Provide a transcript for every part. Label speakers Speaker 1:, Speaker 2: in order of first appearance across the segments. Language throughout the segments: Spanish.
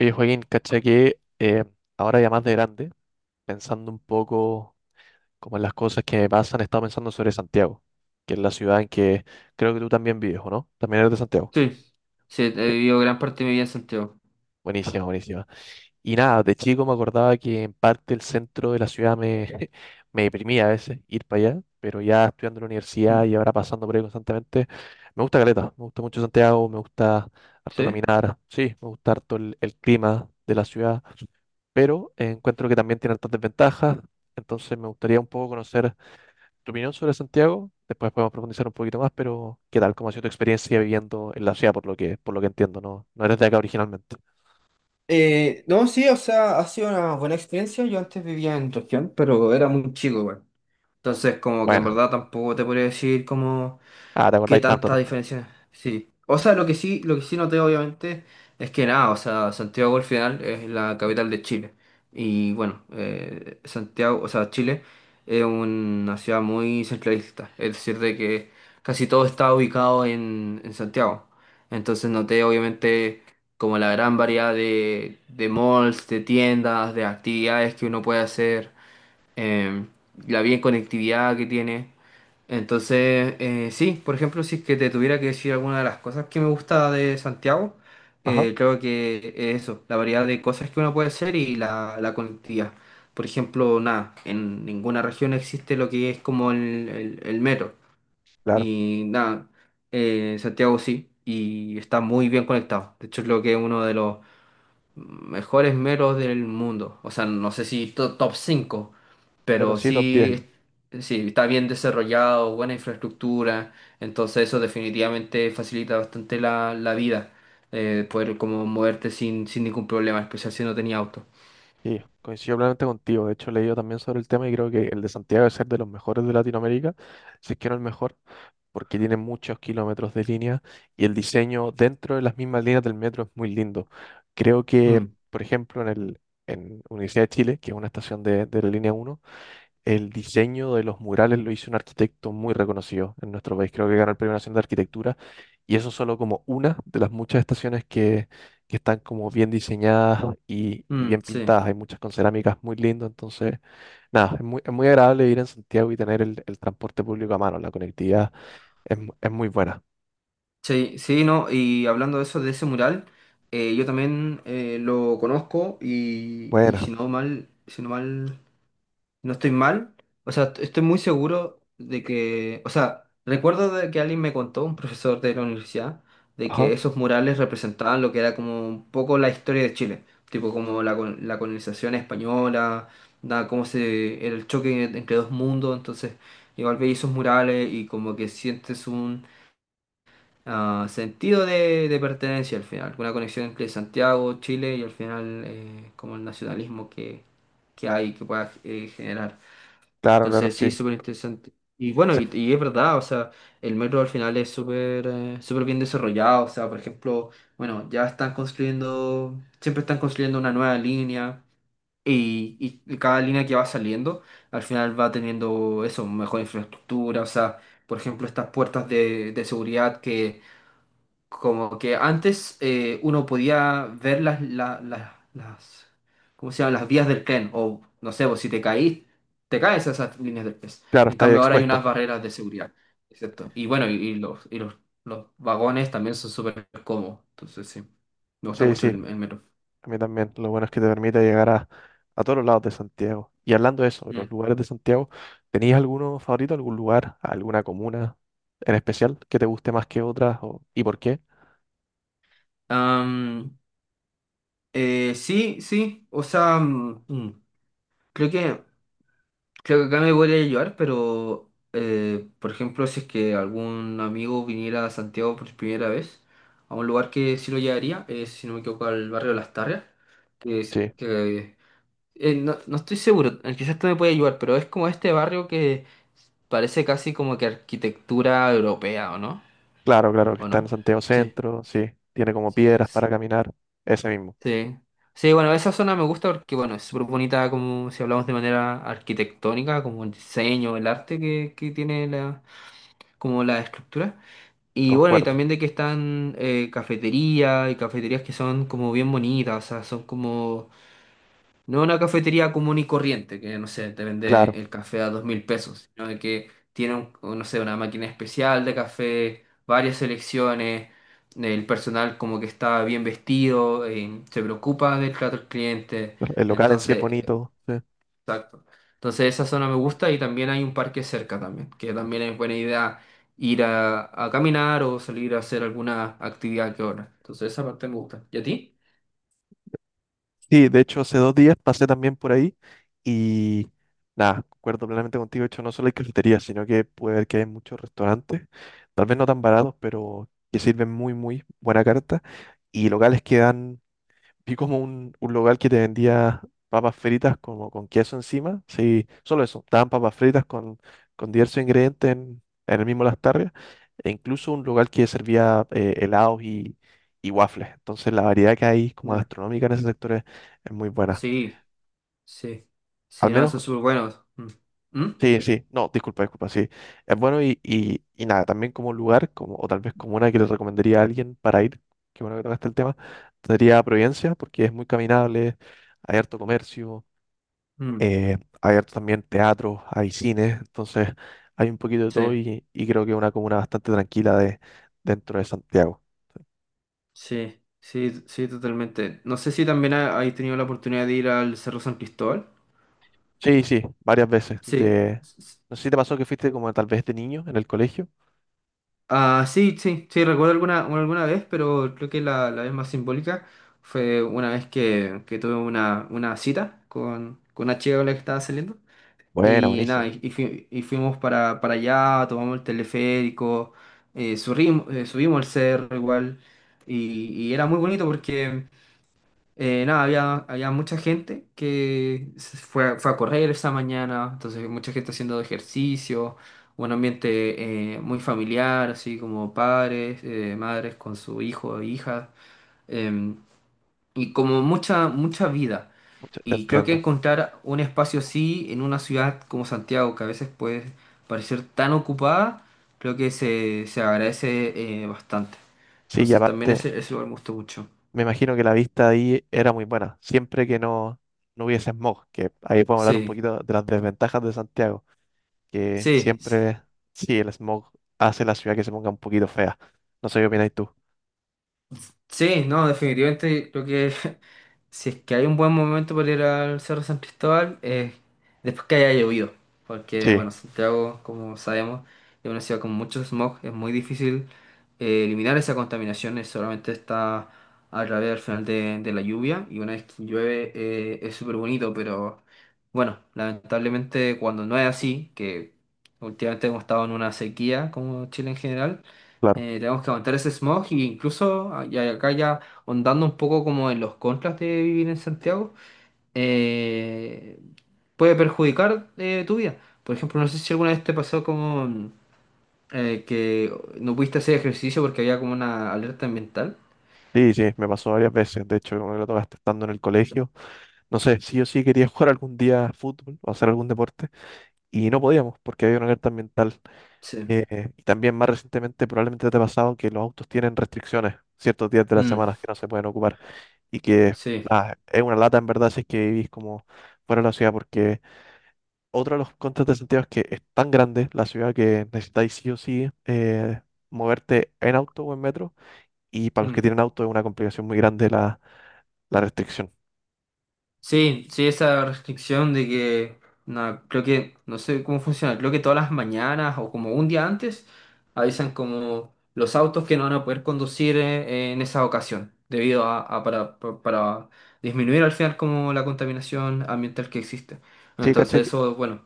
Speaker 1: Oye, Joaquín, cacha que ahora ya más de grande, pensando un poco como en las cosas que me pasan, he estado pensando sobre Santiago, que es la ciudad en que creo que tú también vives, ¿o no? También eres de Santiago.
Speaker 2: Sí, sí, he
Speaker 1: Bien,
Speaker 2: vivido gran parte de mi vida en Santiago.
Speaker 1: buenísima, buenísima. Y nada, de chico me acordaba que en parte el centro de la ciudad me, me deprimía a veces ir para allá, pero ya estudiando en la universidad
Speaker 2: Mm,
Speaker 1: y ahora pasando por ahí constantemente, me gusta Caleta, me gusta mucho Santiago, me gusta harto
Speaker 2: ¿Sí?
Speaker 1: caminar, sí, me gusta harto el clima de la ciudad. Pero encuentro que también tiene altas desventajas. Entonces me gustaría un poco conocer tu opinión sobre Santiago. Después podemos profundizar un poquito más, pero ¿qué tal? ¿Cómo ha sido tu experiencia viviendo en la ciudad, por lo que entiendo? No, no eres de acá originalmente.
Speaker 2: No, sí, o sea, ha sido una buena experiencia. Yo antes vivía en región, pero era muy chico, güey. Entonces, como que en
Speaker 1: Bueno,
Speaker 2: verdad tampoco te podría decir como...
Speaker 1: ah, te
Speaker 2: ¿Qué
Speaker 1: acordáis tanto
Speaker 2: tanta
Speaker 1: tampoco.
Speaker 2: diferencia? Sí. O sea, lo que sí noté obviamente es que nada, o sea, Santiago al final es la capital de Chile. Y bueno, Santiago, o sea, Chile es una ciudad muy centralista. Es decir, de que casi todo está ubicado en Santiago. Entonces noté obviamente como la gran variedad de malls, de tiendas, de actividades que uno puede hacer eh, la bien conectividad que tiene. Entonces, sí, por ejemplo, si es que te tuviera que decir alguna de las cosas que me gusta de Santiago,
Speaker 1: Ajá,
Speaker 2: creo que es eso, la variedad de cosas que uno puede hacer y la conectividad. Por ejemplo, nada, en ninguna región existe lo que es como el metro.
Speaker 1: claro.
Speaker 2: Y nada, Santiago sí, y está muy bien conectado. De hecho, creo que es uno de los mejores meros del mundo. O sea, no sé si top 5,
Speaker 1: Pero
Speaker 2: pero
Speaker 1: sí, top 10.
Speaker 2: sí, sí, está bien desarrollado, buena infraestructura. Entonces eso definitivamente facilita bastante la vida. Poder como moverte sin ningún problema, en especial si no tenía auto.
Speaker 1: Sí, coincido plenamente contigo. De hecho, he leído también sobre el tema y creo que el de Santiago es ser de los mejores de Latinoamérica, si es que no el mejor. Porque tiene muchos kilómetros de línea y el diseño dentro de las mismas líneas del metro es muy lindo. Creo que,
Speaker 2: Mm.
Speaker 1: por ejemplo, en el, en Universidad de Chile, que es una estación de la línea uno, el diseño de los murales lo hizo un arquitecto muy reconocido en nuestro país. Creo que ganó el Premio Nacional de Arquitectura y eso es solo como una de las muchas estaciones que están como bien diseñadas y
Speaker 2: Mm,
Speaker 1: bien
Speaker 2: sí,
Speaker 1: pintadas. Hay muchas con cerámicas muy lindas, entonces... Nada, es muy agradable ir en Santiago y tener el transporte público a mano, la conectividad es, mu- es muy buena.
Speaker 2: sí, sí, no, y hablando de eso, de ese mural, yo también lo conozco y
Speaker 1: Buena.
Speaker 2: si no mal, si no mal. No estoy mal. O sea, estoy muy seguro de que, o sea, recuerdo de que alguien me contó, un profesor de la universidad, de que
Speaker 1: Ajá.
Speaker 2: esos murales representaban lo que era como un poco la historia de Chile, tipo como la colonización española, da, cómo se, el choque entre dos mundos, entonces igual veis esos murales y como que sientes un ah, sentido de pertenencia al final, una conexión entre Santiago, Chile y al final como el nacionalismo que hay que pueda generar.
Speaker 1: Claro, claro,
Speaker 2: Entonces sí,
Speaker 1: sí.
Speaker 2: es súper interesante. Y bueno,
Speaker 1: Sí,
Speaker 2: y es verdad, o sea, el metro al final es súper súper bien desarrollado, o sea, por ejemplo, bueno, ya están construyendo, siempre están construyendo una nueva línea y, y cada línea que va saliendo al final va teniendo eso, mejor infraestructura, o sea, por ejemplo, estas puertas de seguridad como que antes uno podía ver las, ¿cómo se llaman? Las vías del tren. O no sé, pues, si te caís, te caes a esas líneas del tren.
Speaker 1: claro,
Speaker 2: En
Speaker 1: está ahí
Speaker 2: cambio, ahora hay unas
Speaker 1: expuesto.
Speaker 2: barreras de seguridad. ¿Cierto? Y bueno, y los vagones también son súper cómodos. Entonces, sí, me gusta
Speaker 1: Sí,
Speaker 2: mucho
Speaker 1: sí.
Speaker 2: el metro.
Speaker 1: A mí también. Lo bueno es que te permite llegar a todos los lados de Santiago. Y hablando de eso, de
Speaker 2: Mm.
Speaker 1: los lugares de Santiago, ¿tenías alguno favorito, algún lugar, alguna comuna en especial que te guste más que otras? O, ¿y por qué?
Speaker 2: Am, sí, sí, o sea, creo que Creo que acá me podría ayudar, pero por ejemplo, si es que algún amigo viniera a Santiago por primera vez, a un lugar que sí lo llevaría, es, si no me equivoco, al barrio de Las Tarrias, que es
Speaker 1: Sí.
Speaker 2: que no, no estoy seguro, quizás tú me puedes ayudar, pero es como este barrio que parece casi como que arquitectura europea, ¿o no?
Speaker 1: Claro, claro, que
Speaker 2: ¿O
Speaker 1: está en
Speaker 2: no?
Speaker 1: Santiago
Speaker 2: Sí,
Speaker 1: Centro, sí. Tiene como
Speaker 2: sí,
Speaker 1: piedras
Speaker 2: s-
Speaker 1: para caminar. Ese mismo.
Speaker 2: sí. Sí, bueno, esa zona me gusta porque, bueno, es súper bonita como si hablamos de manera arquitectónica, como el diseño, el arte que tiene la como la estructura. Y bueno, y
Speaker 1: Concuerdo.
Speaker 2: también de que están cafeterías y cafeterías que son como bien bonitas, o sea, son como, no una cafetería común y corriente, que no sé, te vende
Speaker 1: Claro.
Speaker 2: el café a 2000 pesos, sino de que tienen, no sé, una máquina especial de café, varias selecciones, el personal como que está bien vestido, se preocupa del trato del cliente,
Speaker 1: El local en sí es
Speaker 2: entonces
Speaker 1: bonito. Sí.
Speaker 2: exacto. Entonces esa zona me gusta y también hay un parque cerca también, que también es buena idea ir a caminar o salir a hacer alguna actividad que otra. Entonces esa parte me gusta. ¿Y a ti?
Speaker 1: Sí, de hecho, hace 2 días pasé también por ahí y nada, concuerdo plenamente contigo. De hecho, no solo hay cafeterías, sino que puede ver que hay muchos restaurantes, tal vez no tan baratos, pero que sirven muy, muy buena carta y locales que dan, vi como un local que te vendía papas fritas como con queso encima. Sí, solo eso. Estaban papas fritas con diversos ingredientes en el mismo Las. E incluso un local que servía helados y waffles. Entonces la variedad que hay como
Speaker 2: Ya.
Speaker 1: gastronómica en ese sector es muy buena.
Speaker 2: Sí, sí.
Speaker 1: Al
Speaker 2: Sí, no,
Speaker 1: menos,
Speaker 2: eso es súper bueno. Mm. ¿Mm?
Speaker 1: sí, sí. No, disculpa, disculpa, sí. Es bueno y nada, también como lugar, como, o tal vez como una que le recomendaría a alguien para ir, qué bueno que tocaste el tema, sería Providencia, porque es muy caminable, hay harto comercio,
Speaker 2: Mm.
Speaker 1: hay harto también teatro, hay cines, entonces hay un poquito de
Speaker 2: Sí,
Speaker 1: todo y creo que es una comuna bastante tranquila de, dentro de Santiago.
Speaker 2: sí, sí, sí, totalmente. No sé si también hay tenido la oportunidad de ir al Cerro San Cristóbal.
Speaker 1: Sí, sí, varias veces.
Speaker 2: Sí.
Speaker 1: De, no sé si te pasó que fuiste como tal vez de niño en el colegio.
Speaker 2: Ah, sí, sí, sí, recuerdo alguna, alguna vez, pero creo que la vez más simbólica fue una vez que tuve una cita con una chica con la que estaba saliendo.
Speaker 1: Bueno,
Speaker 2: Y nada,
Speaker 1: buenísimo.
Speaker 2: y fuimos para allá, tomamos el teleférico, subimos el cerro igual. Y era muy bonito porque nada, había mucha gente que se fue, fue a correr esa mañana, entonces mucha gente haciendo ejercicio, un ambiente muy familiar, así como padres, madres con su hijo e hija, em, y como mucha vida.
Speaker 1: Mucho- Te
Speaker 2: Y creo que
Speaker 1: entiendo.
Speaker 2: encontrar un espacio así en una ciudad como Santiago, que a veces puede parecer tan ocupada, creo que se agradece bastante.
Speaker 1: Sí, y
Speaker 2: Entonces también
Speaker 1: aparte,
Speaker 2: ese lugar me gustó mucho.
Speaker 1: me imagino que la vista ahí era muy buena, siempre que no, no hubiese smog, que ahí podemos hablar un
Speaker 2: Sí,
Speaker 1: poquito de las desventajas de Santiago, que
Speaker 2: sí.
Speaker 1: siempre, sí, el smog hace la ciudad que se ponga un poquito fea. No sé qué opinas tú.
Speaker 2: Sí, no, definitivamente creo que si es que hay un buen momento para ir al Cerro San Cristóbal, es después que haya llovido, porque
Speaker 1: Sí.
Speaker 2: bueno, Santiago, como sabemos, es una ciudad con mucho smog, es muy difícil eliminar esa contaminación, solamente está a través al final de la lluvia, y una vez que llueve es súper bonito, pero bueno, lamentablemente cuando no es así, que últimamente hemos estado en una sequía como Chile en general,
Speaker 1: Claro.
Speaker 2: tenemos que aguantar ese smog y incluso y acá ya ondando un poco como en los contras de vivir en Santiago, eh, puede perjudicar tu vida. Por ejemplo, no sé si alguna vez te pasó como que no pudiste hacer ejercicio porque había como una alerta ambiental.
Speaker 1: Sí, sí, me pasó varias veces. De hecho, como me lo tocaste estando en el colegio, no sé, sí o sí quería jugar algún día fútbol o hacer algún deporte y no podíamos porque había una alerta ambiental.
Speaker 2: Sí.
Speaker 1: Y también más recientemente probablemente te ha pasado que los autos tienen restricciones ciertos días de la
Speaker 2: Mm,
Speaker 1: semana que no se pueden ocupar y que
Speaker 2: sí.
Speaker 1: nada, es una lata en verdad si es que vivís como fuera de la ciudad porque otro de los contras de Santiago es que es tan grande la ciudad que necesitáis sí o sí moverte en auto o en metro y para los que
Speaker 2: Mm.
Speaker 1: tienen auto es una complicación muy grande la la restricción.
Speaker 2: Sí, sí, esa restricción de que, no, creo que, no sé cómo funciona, creo que todas las mañanas o como un día antes avisan como los autos que no van a poder conducir en esa ocasión, debido a para disminuir al final como la contaminación ambiental que existe.
Speaker 1: Sí, caché
Speaker 2: Entonces
Speaker 1: que...
Speaker 2: eso, bueno,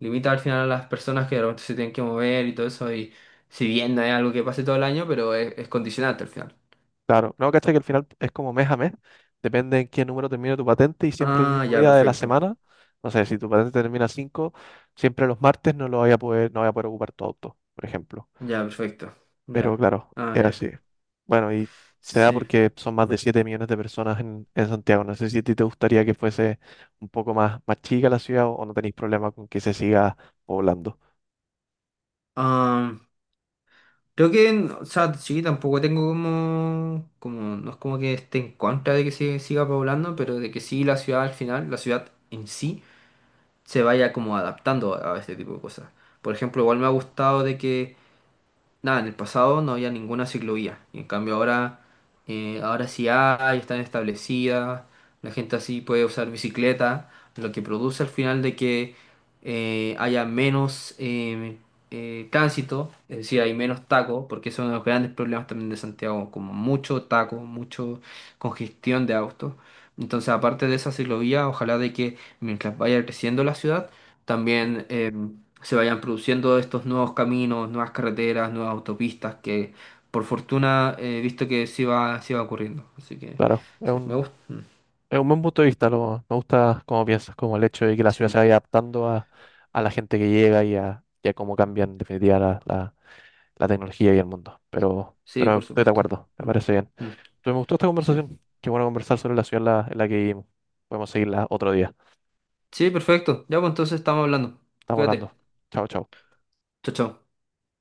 Speaker 2: limita al final a las personas que de repente se tienen que mover y todo eso, y si bien no es algo que pase todo el año, pero es condicionante al final.
Speaker 1: claro. No, caché que al final es como mes a mes. Depende en qué número termine tu patente y siempre el
Speaker 2: Ah,
Speaker 1: mismo
Speaker 2: ya,
Speaker 1: día de la
Speaker 2: perfecto,
Speaker 1: semana. No sé, si tu patente termina 5, siempre los martes no lo voy a poder, no voy a poder ocupar tu auto, por ejemplo.
Speaker 2: ya, perfecto,
Speaker 1: Pero
Speaker 2: ya,
Speaker 1: claro,
Speaker 2: ah,
Speaker 1: es
Speaker 2: ya.
Speaker 1: así. Bueno, y se da
Speaker 2: Sí.
Speaker 1: porque son más de 7 millones de personas en Santiago. No sé si a ti te gustaría que fuese un poco más, más chica la ciudad o no tenéis problema con que se siga poblando.
Speaker 2: Ah, creo que, o sea, sí, tampoco tengo como, como, no es como que esté en contra de que se siga poblando, pero de que sí la ciudad al final, la ciudad en sí, se vaya como adaptando a este tipo de cosas. Por ejemplo, igual me ha gustado de que nada, en el pasado no había ninguna ciclovía. Y en cambio ahora, ahora sí hay, están establecidas, la gente así puede usar bicicleta, lo que produce al final de que haya menos tránsito, es decir, hay menos tacos, porque eso es uno de los grandes problemas también de Santiago, como mucho taco, mucho congestión de autos. Entonces, aparte de esa ciclovía, ojalá de que mientras vaya creciendo la ciudad, también se vayan produciendo estos nuevos caminos, nuevas carreteras, nuevas autopistas, que por fortuna he visto que sí va ocurriendo. Así que
Speaker 1: Claro, es
Speaker 2: sí, me
Speaker 1: un...
Speaker 2: gusta.
Speaker 1: Es un buen punto de vista, lo, me gusta cómo piensas, como el hecho de que la ciudad
Speaker 2: Sí,
Speaker 1: se vaya adaptando a la gente que llega y a cómo cambia en definitiva la, la... la tecnología y el mundo.
Speaker 2: sí,
Speaker 1: Pero
Speaker 2: por
Speaker 1: estoy de
Speaker 2: supuesto.
Speaker 1: acuerdo, me
Speaker 2: Mm,
Speaker 1: parece bien.
Speaker 2: mm,
Speaker 1: Entonces, me gustó esta
Speaker 2: Sí.
Speaker 1: conversación. Qué bueno conversar sobre la ciudad en la que vivimos. Podemos seguirla otro día.
Speaker 2: Sí, perfecto. Ya pues entonces estamos hablando.
Speaker 1: Estamos
Speaker 2: Cuídate.
Speaker 1: hablando. Chao, chao.
Speaker 2: Chao, chao.